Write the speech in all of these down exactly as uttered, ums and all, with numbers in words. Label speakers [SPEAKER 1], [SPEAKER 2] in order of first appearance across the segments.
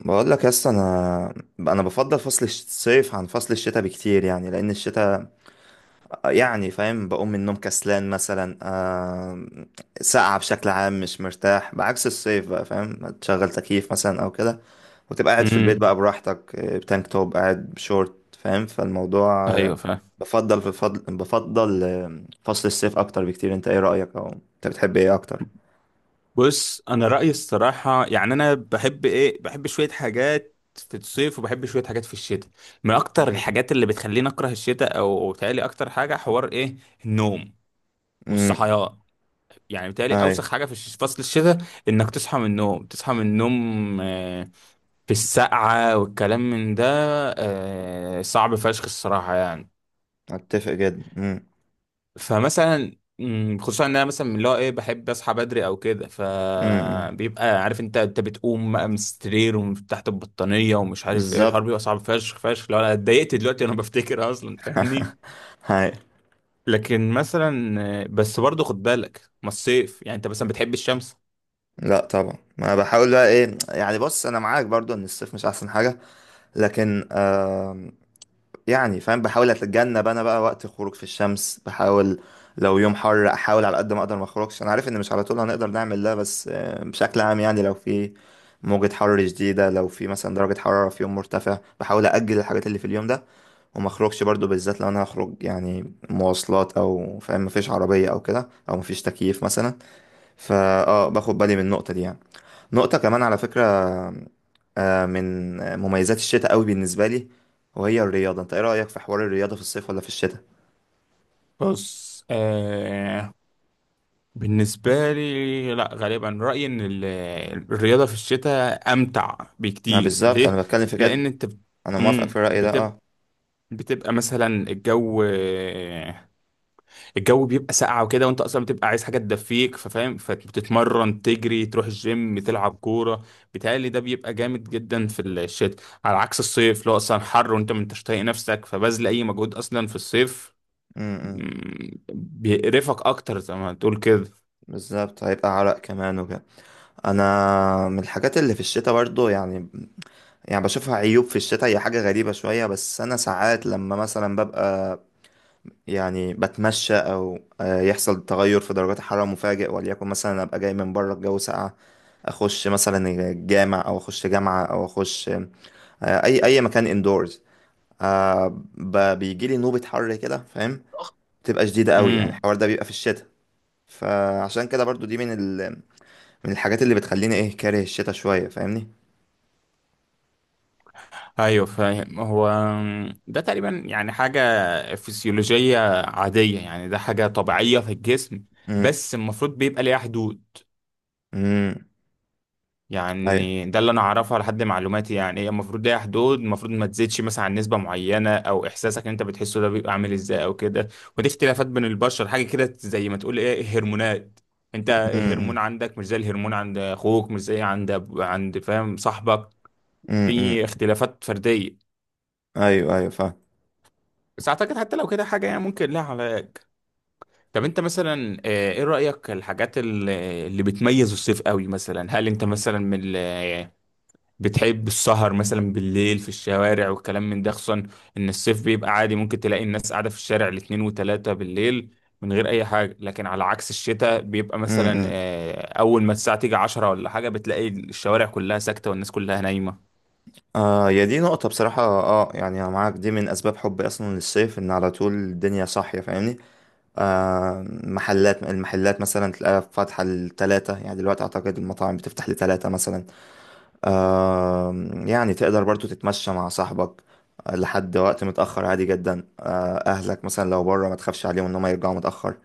[SPEAKER 1] بقول لك يا اسطى انا انا بفضل فصل الصيف عن فصل الشتاء بكتير، يعني لان الشتاء يعني فاهم بقوم من النوم كسلان مثلا، آه ساقعة بشكل عام، مش مرتاح. بعكس الصيف بقى، فاهم، تشغل تكييف مثلا او كده وتبقى قاعد في البيت بقى
[SPEAKER 2] امم
[SPEAKER 1] براحتك، آه، بتانك توب، قاعد بشورت، فاهم، فالموضوع آه،
[SPEAKER 2] ايوه فاهم.
[SPEAKER 1] بفضل في فضل بفضل آه، فصل الصيف اكتر بكتير. انت ايه رأيك؟ او انت بتحب ايه اكتر؟
[SPEAKER 2] بص انا رايي الصراحه، يعني انا بحب ايه، بحب شويه حاجات في الصيف وبحب شويه حاجات في الشتاء. من اكتر الحاجات اللي بتخليني اكره الشتاء او بتهيألي اكتر حاجه حوار ايه، النوم
[SPEAKER 1] امم.
[SPEAKER 2] والصحيان. يعني بتهيألي
[SPEAKER 1] ايوه.
[SPEAKER 2] اوسخ حاجه في الش- فصل الشتاء انك تصحى من النوم، تصحى من النوم آه، في السقعه والكلام من ده. آه، صعب فشخ الصراحه يعني.
[SPEAKER 1] اتفق جدا. امم.
[SPEAKER 2] فمثلا مم، خصوصا ان انا مثلا من اللي هو ايه بحب اصحى بدري او كده،
[SPEAKER 1] امم.
[SPEAKER 2] فبيبقى عارف، انت انت بتقوم بقى من السرير ومن تحت البطانيه ومش عارف ايه الحوار،
[SPEAKER 1] بالظبط.
[SPEAKER 2] بيبقى صعب فشخ فشخ لو انا اتضايقت دلوقتي وانا بفتكر اصلا، فاهمني.
[SPEAKER 1] هاي.
[SPEAKER 2] لكن مثلا آه، بس برضه خد بالك، ما الصيف يعني انت مثلا بتحب الشمس.
[SPEAKER 1] لا طبعا، ما أنا بحاول بقى ايه يعني. بص، انا معاك برضو ان الصيف مش احسن حاجه، لكن آم، يعني فاهم، بحاول اتجنب انا بقى وقت الخروج في الشمس، بحاول لو يوم حر احاول على قد ما اقدر ما اخرجش. انا عارف ان مش على طول هنقدر نعمل ده، بس آه، بشكل عام يعني لو في موجة حر جديدة، لو في مثلا درجة حرارة في يوم مرتفع، بحاول أجل الحاجات اللي في اليوم ده وما اخرجش برضو، بالذات لو انا هخرج يعني مواصلات، او فاهم مفيش عربية او كده، او مفيش تكييف مثلا. فا اه، باخد بالي من النقطة دي يعني. نقطة كمان على فكرة، آه، من مميزات الشتاء قوي بالنسبة لي، وهي الرياضة. انت ايه رأيك في حوار الرياضة في الصيف ولا في الشتاء؟
[SPEAKER 2] بص آه، بالنسبه لي لا، غالبا رايي ان ال- الرياضه في الشتاء امتع
[SPEAKER 1] ما
[SPEAKER 2] بكتير.
[SPEAKER 1] بالظبط
[SPEAKER 2] ليه؟
[SPEAKER 1] انا بتكلم في
[SPEAKER 2] لان
[SPEAKER 1] كده.
[SPEAKER 2] انت بت-
[SPEAKER 1] انا موافقك في
[SPEAKER 2] مم،
[SPEAKER 1] الرأي ده،
[SPEAKER 2] بتبقى
[SPEAKER 1] اه.
[SPEAKER 2] بتبقى مثلا الجو الجو بيبقى ساقعة وكده، وانت اصلا بتبقى عايز حاجة تدفيك، ففاهم، فبتتمرن، تجري، تروح الجيم، تلعب كورة. بيتهيألي ده بيبقى جامد جدا في الشتاء، على عكس الصيف اللي هو اصلا حر وانت ما انتش طايق نفسك فبذل اي مجهود اصلا في الصيف.
[SPEAKER 1] امم.
[SPEAKER 2] مم، بيقرفك اكتر زي ما تقول كده.
[SPEAKER 1] بالظبط، هيبقى عرق كمان وكده. انا من الحاجات اللي في الشتاء برضو يعني، يعني بشوفها عيوب في الشتاء، هي حاجة غريبة شوية، بس انا ساعات لما مثلا ببقى يعني بتمشى او آه، يحصل تغير في درجات الحرارة مفاجئ، وليكن مثلا ابقى جاي من بره، الجو ساقع، اخش مثلا الجامع، او اخش جامعة، او اخش آه، اي اي مكان اندورز، بيجي لي نوبة حر كده، فاهم، بتبقى شديدة قوي يعني.
[SPEAKER 2] امم،
[SPEAKER 1] الحوار ده بيبقى في الشتاء. فعشان كده برضو دي من ال... من الحاجات اللي بتخليني ايه كاره الشتاء شوية، فاهمني.
[SPEAKER 2] ايوه فاهم. هو ده تقريبا يعني حاجة فسيولوجية عادية، يعني ده حاجة طبيعية في الجسم،
[SPEAKER 1] امم.
[SPEAKER 2] بس المفروض بيبقى ليها حدود.
[SPEAKER 1] امم. ايوه.
[SPEAKER 2] يعني ده اللي انا اعرفه لحد معلوماتي، يعني هي المفروض ليها حدود، المفروض ما تزيدش مثلا عن نسبه معينه، او احساسك ان انت بتحسه ده بيبقى عامل ازاي او كده. ودي اختلافات بين البشر، حاجه كده زي ما تقول ايه، هرمونات. انت الهرمون
[SPEAKER 1] امم.
[SPEAKER 2] عندك مش زي الهرمون عند اخوك، مش زي عند أب- عند فاهم صاحبك.
[SPEAKER 1] امم.
[SPEAKER 2] في اختلافات فرديه.
[SPEAKER 1] ايوه، ايوه فاهم.
[SPEAKER 2] بس اعتقد حتى لو كده حاجه يعني ممكن لها علاج. طب انت مثلا آه، ايه رايك الحاجات اللي اللي بتميز الصيف قوي؟ مثلا هل انت مثلا من ال- بتحب السهر مثلا بالليل في الشوارع والكلام من ده؟ خصوصا ان الصيف بيبقى عادي ممكن تلاقي الناس قاعدة في الشارع الاتنين وتلاتة بالليل من غير اي حاجة، لكن على عكس الشتاء بيبقى مثلا
[SPEAKER 1] امم.
[SPEAKER 2] آه، اول ما الساعة تيجي عشرة ولا حاجة بتلاقي الشوارع كلها ساكتة والناس كلها نايمة.
[SPEAKER 1] آه، يا دي نقطة بصراحة، اه، يعني انا معاك. دي من اسباب حبي اصلا للصيف، ان على طول الدنيا صاحية، فاهمني. آه، محلات المحلات مثلا تلاقيها فاتحة لتلاتة، يعني دلوقتي اعتقد المطاعم بتفتح لتلاتة مثلا. آه، يعني تقدر برضو تتمشى مع صاحبك آه، لحد وقت متأخر عادي جدا. آه، اهلك مثلا لو بره ما تخافش عليهم ان هم يرجعوا متأخر.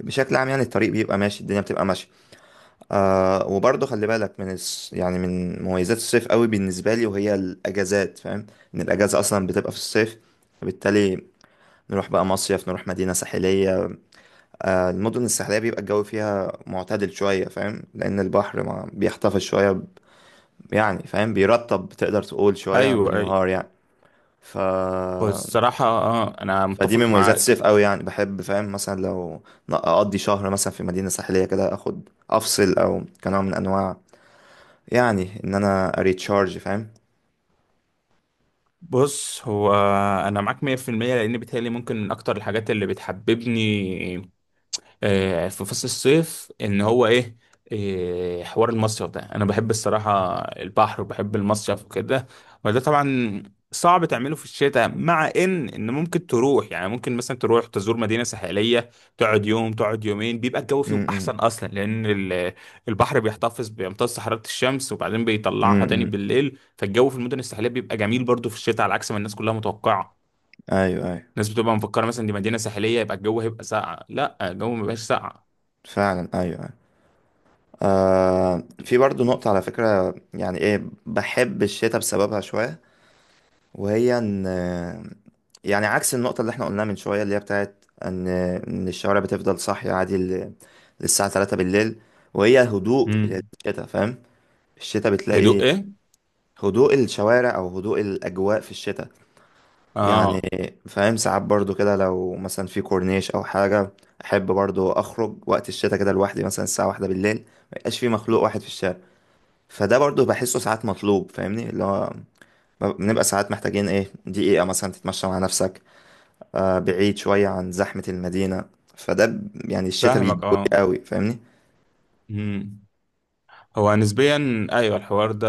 [SPEAKER 1] بشكل عام يعني الطريق بيبقى ماشي، الدنيا بتبقى ماشية. آه، وبرضه خلي بالك من الس... يعني من مميزات الصيف قوي بالنسبة لي وهي الأجازات، فاهم. إن الأجازة أصلا بتبقى في الصيف، فبالتالي نروح بقى مصيف، نروح مدينة ساحلية. آه، المدن الساحلية بيبقى الجو فيها معتدل شوية، فاهم، لأن البحر ما بيحتفظ شوية ب- يعني فاهم بيرطب تقدر تقول شوية
[SPEAKER 2] ايوه ايوه.
[SPEAKER 1] بالنهار يعني. ف...
[SPEAKER 2] هو الصراحة اه، انا
[SPEAKER 1] فدي من
[SPEAKER 2] متفق
[SPEAKER 1] مميزات
[SPEAKER 2] معاك.
[SPEAKER 1] الصيف قوي يعني. بحب فاهم مثلا لو ن- أقضي شهر مثلا في مدينة ساحلية كده، أخد أفصل، أو كنوع من أنواع يعني ان انا اريتشارج، فاهم.
[SPEAKER 2] بص هو انا معاك مية في المية، لان بيتهيألي ممكن من اكتر الحاجات اللي بتحببني آه، في فصل الصيف ان هو ايه، آه، حوار المصيف ده. انا بحب الصراحة البحر وبحب المصيف وكده، وده طبعا صعب تعمله في الشتاء. مع ان ان ممكن تروح، يعني ممكن مثلا تروح تزور مدينة ساحلية، تقعد يوم، تقعد يومين، بيبقى الجو فيهم
[SPEAKER 1] امم.
[SPEAKER 2] احسن اصلا، لان ال- البحر بيحتفظ، بيمتص حرارة الشمس وبعدين بيطلعها تاني
[SPEAKER 1] امم.
[SPEAKER 2] بالليل، فالجو في المدن الساحلية بيبقى جميل برضو في الشتاء على عكس ما الناس كلها متوقعة.
[SPEAKER 1] ايوه ايوه.
[SPEAKER 2] الناس بتبقى مفكرة مثلا دي مدينة ساحلية يبقى الجو هيبقى ساقع، لا الجو مبيبقاش ساقع.
[SPEAKER 1] فعلا، ايوه ايوه. آه، في برضو نقطة على فكرة يعني ايه، بحب الشتاء بسببها شوية، وهي ان يعني عكس النقطة اللي احنا قلناها من شوية، اللي هي بتاعت ان ان الشوارع بتفضل صاحية عادي ل- للساعة ثلاثة بالليل، وهي هدوء
[SPEAKER 2] امم،
[SPEAKER 1] الشتاء، فاهم. الشتاء بتلاقي
[SPEAKER 2] هدوء ايه؟
[SPEAKER 1] هدوء الشوارع، او هدوء الاجواء في الشتاء يعني،
[SPEAKER 2] اه،
[SPEAKER 1] فاهم. ساعات برضو كده لو مثلا في كورنيش او حاجه، احب برضو اخرج وقت الشتاء كده لوحدي، مثلا الساعه واحدة بالليل ما يبقاش في مخلوق واحد في الشارع. فده برضو بحسه ساعات مطلوب، فاهمني، اللي هو بنبقى ساعات محتاجين ايه، دقيقه مثلا تتمشى مع نفسك، آه، بعيد شويه عن زحمه المدينه. فده ب- يعني الشتاء
[SPEAKER 2] فاهمك
[SPEAKER 1] بيدوي
[SPEAKER 2] اه.
[SPEAKER 1] قوي، فاهمني.
[SPEAKER 2] امم، هو نسبيا ايوه الحوار ده.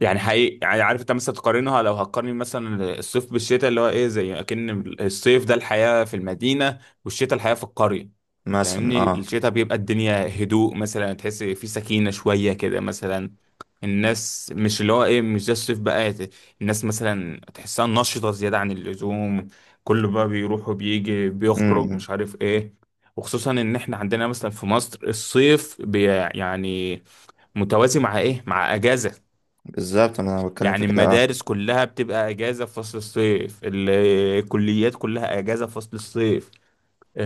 [SPEAKER 2] يعني حقيقي، يعني عارف انت مثلا تقارنها، لو هتقارن مثلا الصيف بالشتاء، اللي هو ايه، زي اكن الصيف ده الحياة في المدينة والشتاء الحياة في القرية.
[SPEAKER 1] مثلا
[SPEAKER 2] فاهمني،
[SPEAKER 1] اه.
[SPEAKER 2] الشتاء بيبقى الدنيا هدوء، مثلا تحس في سكينة شوية كده مثلا. الناس مش اللي هو ايه، مش ده الصيف بقى ت- الناس مثلا تحسها نشطة زيادة عن اللزوم، كله بقى بيروح وبيجي بيخرج
[SPEAKER 1] امم.
[SPEAKER 2] مش عارف ايه. وخصوصا ان احنا عندنا مثلا في مصر الصيف بي يعني متوازي مع ايه، مع اجازة.
[SPEAKER 1] بالظبط انا بتكلم في
[SPEAKER 2] يعني
[SPEAKER 1] كده، اه.
[SPEAKER 2] المدارس كلها بتبقى اجازه في فصل الصيف، ال- الكليات كلها اجازه في فصل الصيف،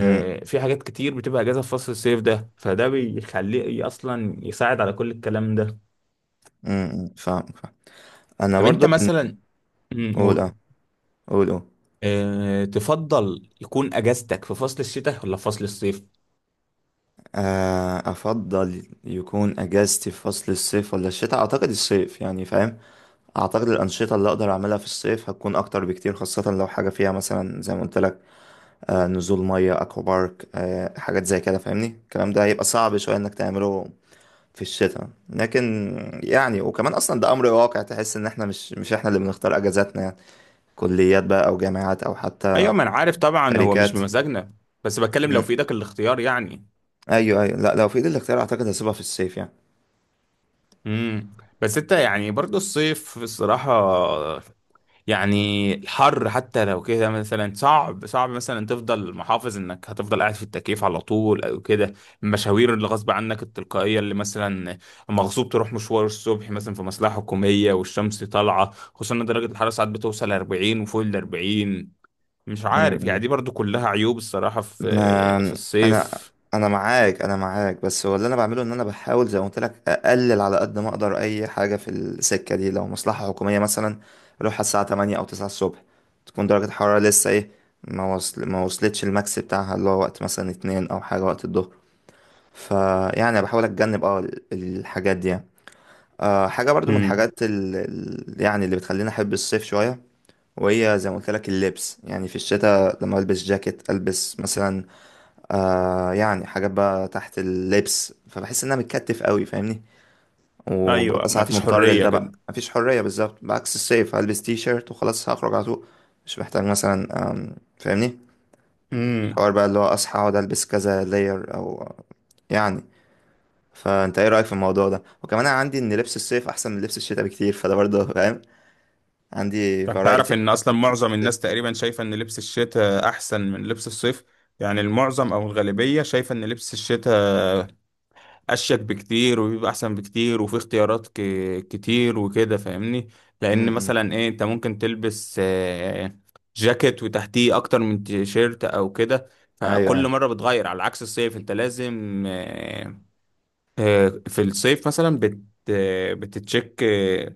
[SPEAKER 1] امم.
[SPEAKER 2] في حاجات كتير بتبقى اجازه في فصل الصيف ده، فده بيخليه اصلا يساعد على كل الكلام ده.
[SPEAKER 1] امم. فاهم فاهم. انا
[SPEAKER 2] طب انت
[SPEAKER 1] برضو
[SPEAKER 2] مثلا مم،
[SPEAKER 1] قول اه.
[SPEAKER 2] قول
[SPEAKER 1] قول، قول.
[SPEAKER 2] آه، تفضل يكون اجازتك في فصل الشتاء ولا في فصل الصيف؟
[SPEAKER 1] آه، أفضل يكون أجازتي في فصل الصيف ولا الشتاء؟ أعتقد الصيف يعني، فاهم. أعتقد الأنشطة اللي أقدر أعملها في الصيف هتكون أكتر بكتير، خاصة لو حاجة فيها مثلا زي ما قلت لك، آه، نزول مية، أكوا بارك، آه، حاجات زي كده، فاهمني. الكلام ده هيبقى صعب شوية إنك تعمله في الشتاء. لكن يعني، وكمان أصلا ده أمر واقع، تحس إن إحنا مش مش إحنا اللي بنختار أجازاتنا يعني، كليات بقى، أو جامعات، أو حتى
[SPEAKER 2] ايوه ما انا عارف طبعا هو مش
[SPEAKER 1] شركات.
[SPEAKER 2] بمزاجنا، بس بتكلم لو
[SPEAKER 1] مم.
[SPEAKER 2] في ايدك الاختيار يعني.
[SPEAKER 1] أيوه أيوه. لا، لو في إيدي الاختيار أعتقد هسيبها في الصيف يعني.
[SPEAKER 2] امم، بس انت يعني برضو الصيف الصراحه، يعني الحر حتى لو كده مثلا صعب صعب مثلا تفضل محافظ انك هتفضل قاعد في التكييف على طول او كده. المشاوير اللي غصب عنك التلقائيه اللي مثلا مغصوب تروح مشوار الصبح مثلا في مصلحه حكوميه والشمس طالعه، خصوصا ان درجه الحراره ساعات بتوصل اربعين وفوق ال اربعين، مش عارف يعني
[SPEAKER 1] مم.
[SPEAKER 2] دي برضو كلها عيوب الصراحه في
[SPEAKER 1] ما
[SPEAKER 2] في
[SPEAKER 1] انا،
[SPEAKER 2] الصيف.
[SPEAKER 1] انا معاك انا معاك بس هو اللي انا بعمله ان انا بحاول زي ما قلت لك اقلل على قد ما اقدر اي حاجه في السكه دي. لو مصلحه حكوميه مثلا اروح الساعه تمانية او تسعة الصبح، تكون درجه الحراره لسه ايه، ما وصل ما وصلتش الماكس بتاعها، اللي هو وقت مثلا اتنين او حاجه وقت الظهر. فيعني بحاول اتجنب اه ال- الحاجات دي يعني. آه، حاجه برضو من
[SPEAKER 2] امم،
[SPEAKER 1] الحاجات ال... ال- يعني اللي بتخليني احب الصيف شويه، وهي زي ما قلت لك اللبس يعني. في الشتاء لما البس جاكيت، البس مثلا آه يعني حاجات بقى تحت اللبس، فبحس ان انا متكتف قوي، فاهمني.
[SPEAKER 2] ايوه
[SPEAKER 1] وببقى ساعات
[SPEAKER 2] مفيش
[SPEAKER 1] مضطر
[SPEAKER 2] حريه
[SPEAKER 1] لده
[SPEAKER 2] كده.
[SPEAKER 1] بقى، مفيش حرية بالظبط. بعكس الصيف، هلبس تي شيرت وخلاص هخرج على طول. مش محتاج مثلا آم، فاهمني، مش حوار
[SPEAKER 2] امم،
[SPEAKER 1] بقى اللي هو اصحى اقعد البس كذا لاير او يعني. فانت ايه رأيك في الموضوع ده؟ وكمان انا عندي ان لبس الصيف احسن من لبس الشتاء بكتير، فده برضه فاهم، عندي
[SPEAKER 2] طب تعرف
[SPEAKER 1] فرايتي.
[SPEAKER 2] ان اصلا معظم الناس تقريبا شايفه ان لبس الشتاء احسن من لبس الصيف؟ يعني المعظم او الغالبيه شايفه ان لبس الشتاء اشيك بكتير وبيبقى احسن بكتير وفي اختيارات ك... كتير وكده فاهمني. لان
[SPEAKER 1] امم.
[SPEAKER 2] مثلا ايه، انت ممكن تلبس آه، جاكيت وتحتيه اكتر من تيشيرت او كده،
[SPEAKER 1] ايوه
[SPEAKER 2] فكل
[SPEAKER 1] ايوه.
[SPEAKER 2] مره بتغير، على عكس الصيف انت لازم آه، آه، في الصيف مثلا بت... آه، بتتشيك. آه،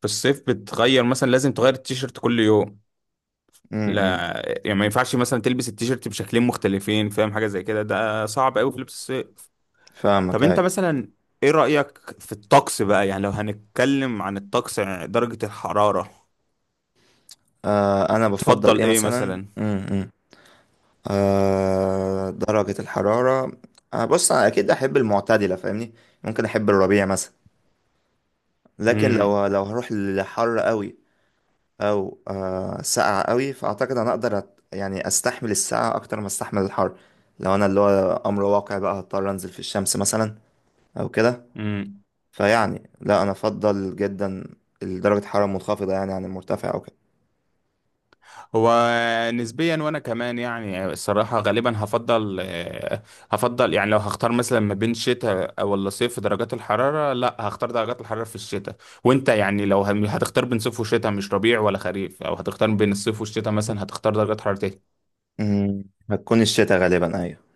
[SPEAKER 2] في الصيف بتغير مثلا، لازم تغير التيشيرت كل يوم،
[SPEAKER 1] امم.
[SPEAKER 2] لا يعني ما ينفعش مثلا تلبس التيشيرت بشكلين مختلفين فاهم، حاجه زي كده ده صعب قوي في لبس الصيف. طب
[SPEAKER 1] فاهمك،
[SPEAKER 2] انت
[SPEAKER 1] ايوه.
[SPEAKER 2] مثلا ايه رايك في الطقس بقى؟ يعني لو هنتكلم عن الطقس يعني درجه الحراره،
[SPEAKER 1] آه انا بفضل
[SPEAKER 2] تفضل
[SPEAKER 1] ايه
[SPEAKER 2] ايه
[SPEAKER 1] مثلا،
[SPEAKER 2] مثلا؟
[SPEAKER 1] امم، آه، درجة الحرارة. آه، بص أنا أكيد أحب المعتدلة، فاهمني. ممكن أحب الربيع مثلا. لكن لو لو هروح لحر قوي، أو آه، ساقعة قوي، فأعتقد أنا أقدر أت- يعني أستحمل الساقعة أكتر ما أستحمل الحر، لو أنا اللي هو أمر واقع بقى، هضطر أنزل في الشمس مثلا أو كده.
[SPEAKER 2] امم،
[SPEAKER 1] فيعني لا، أنا أفضل جدا درجة الحرارة المنخفضة يعني عن المرتفع أو كده.
[SPEAKER 2] هو نسبيا وانا كمان يعني الصراحه غالبا هفضل آه، هفضل يعني لو هختار مثلا ما بين شتاء ولا صيف في درجات الحراره، لا هختار درجات الحراره في الشتاء. وانت يعني لو هم- هتختار بين صيف وشتاء، مش ربيع ولا خريف، او هتختار بين الصيف والشتاء مثلا، هتختار درجات حراره
[SPEAKER 1] أمم، هتكون الشتاء غالبا، أيوة.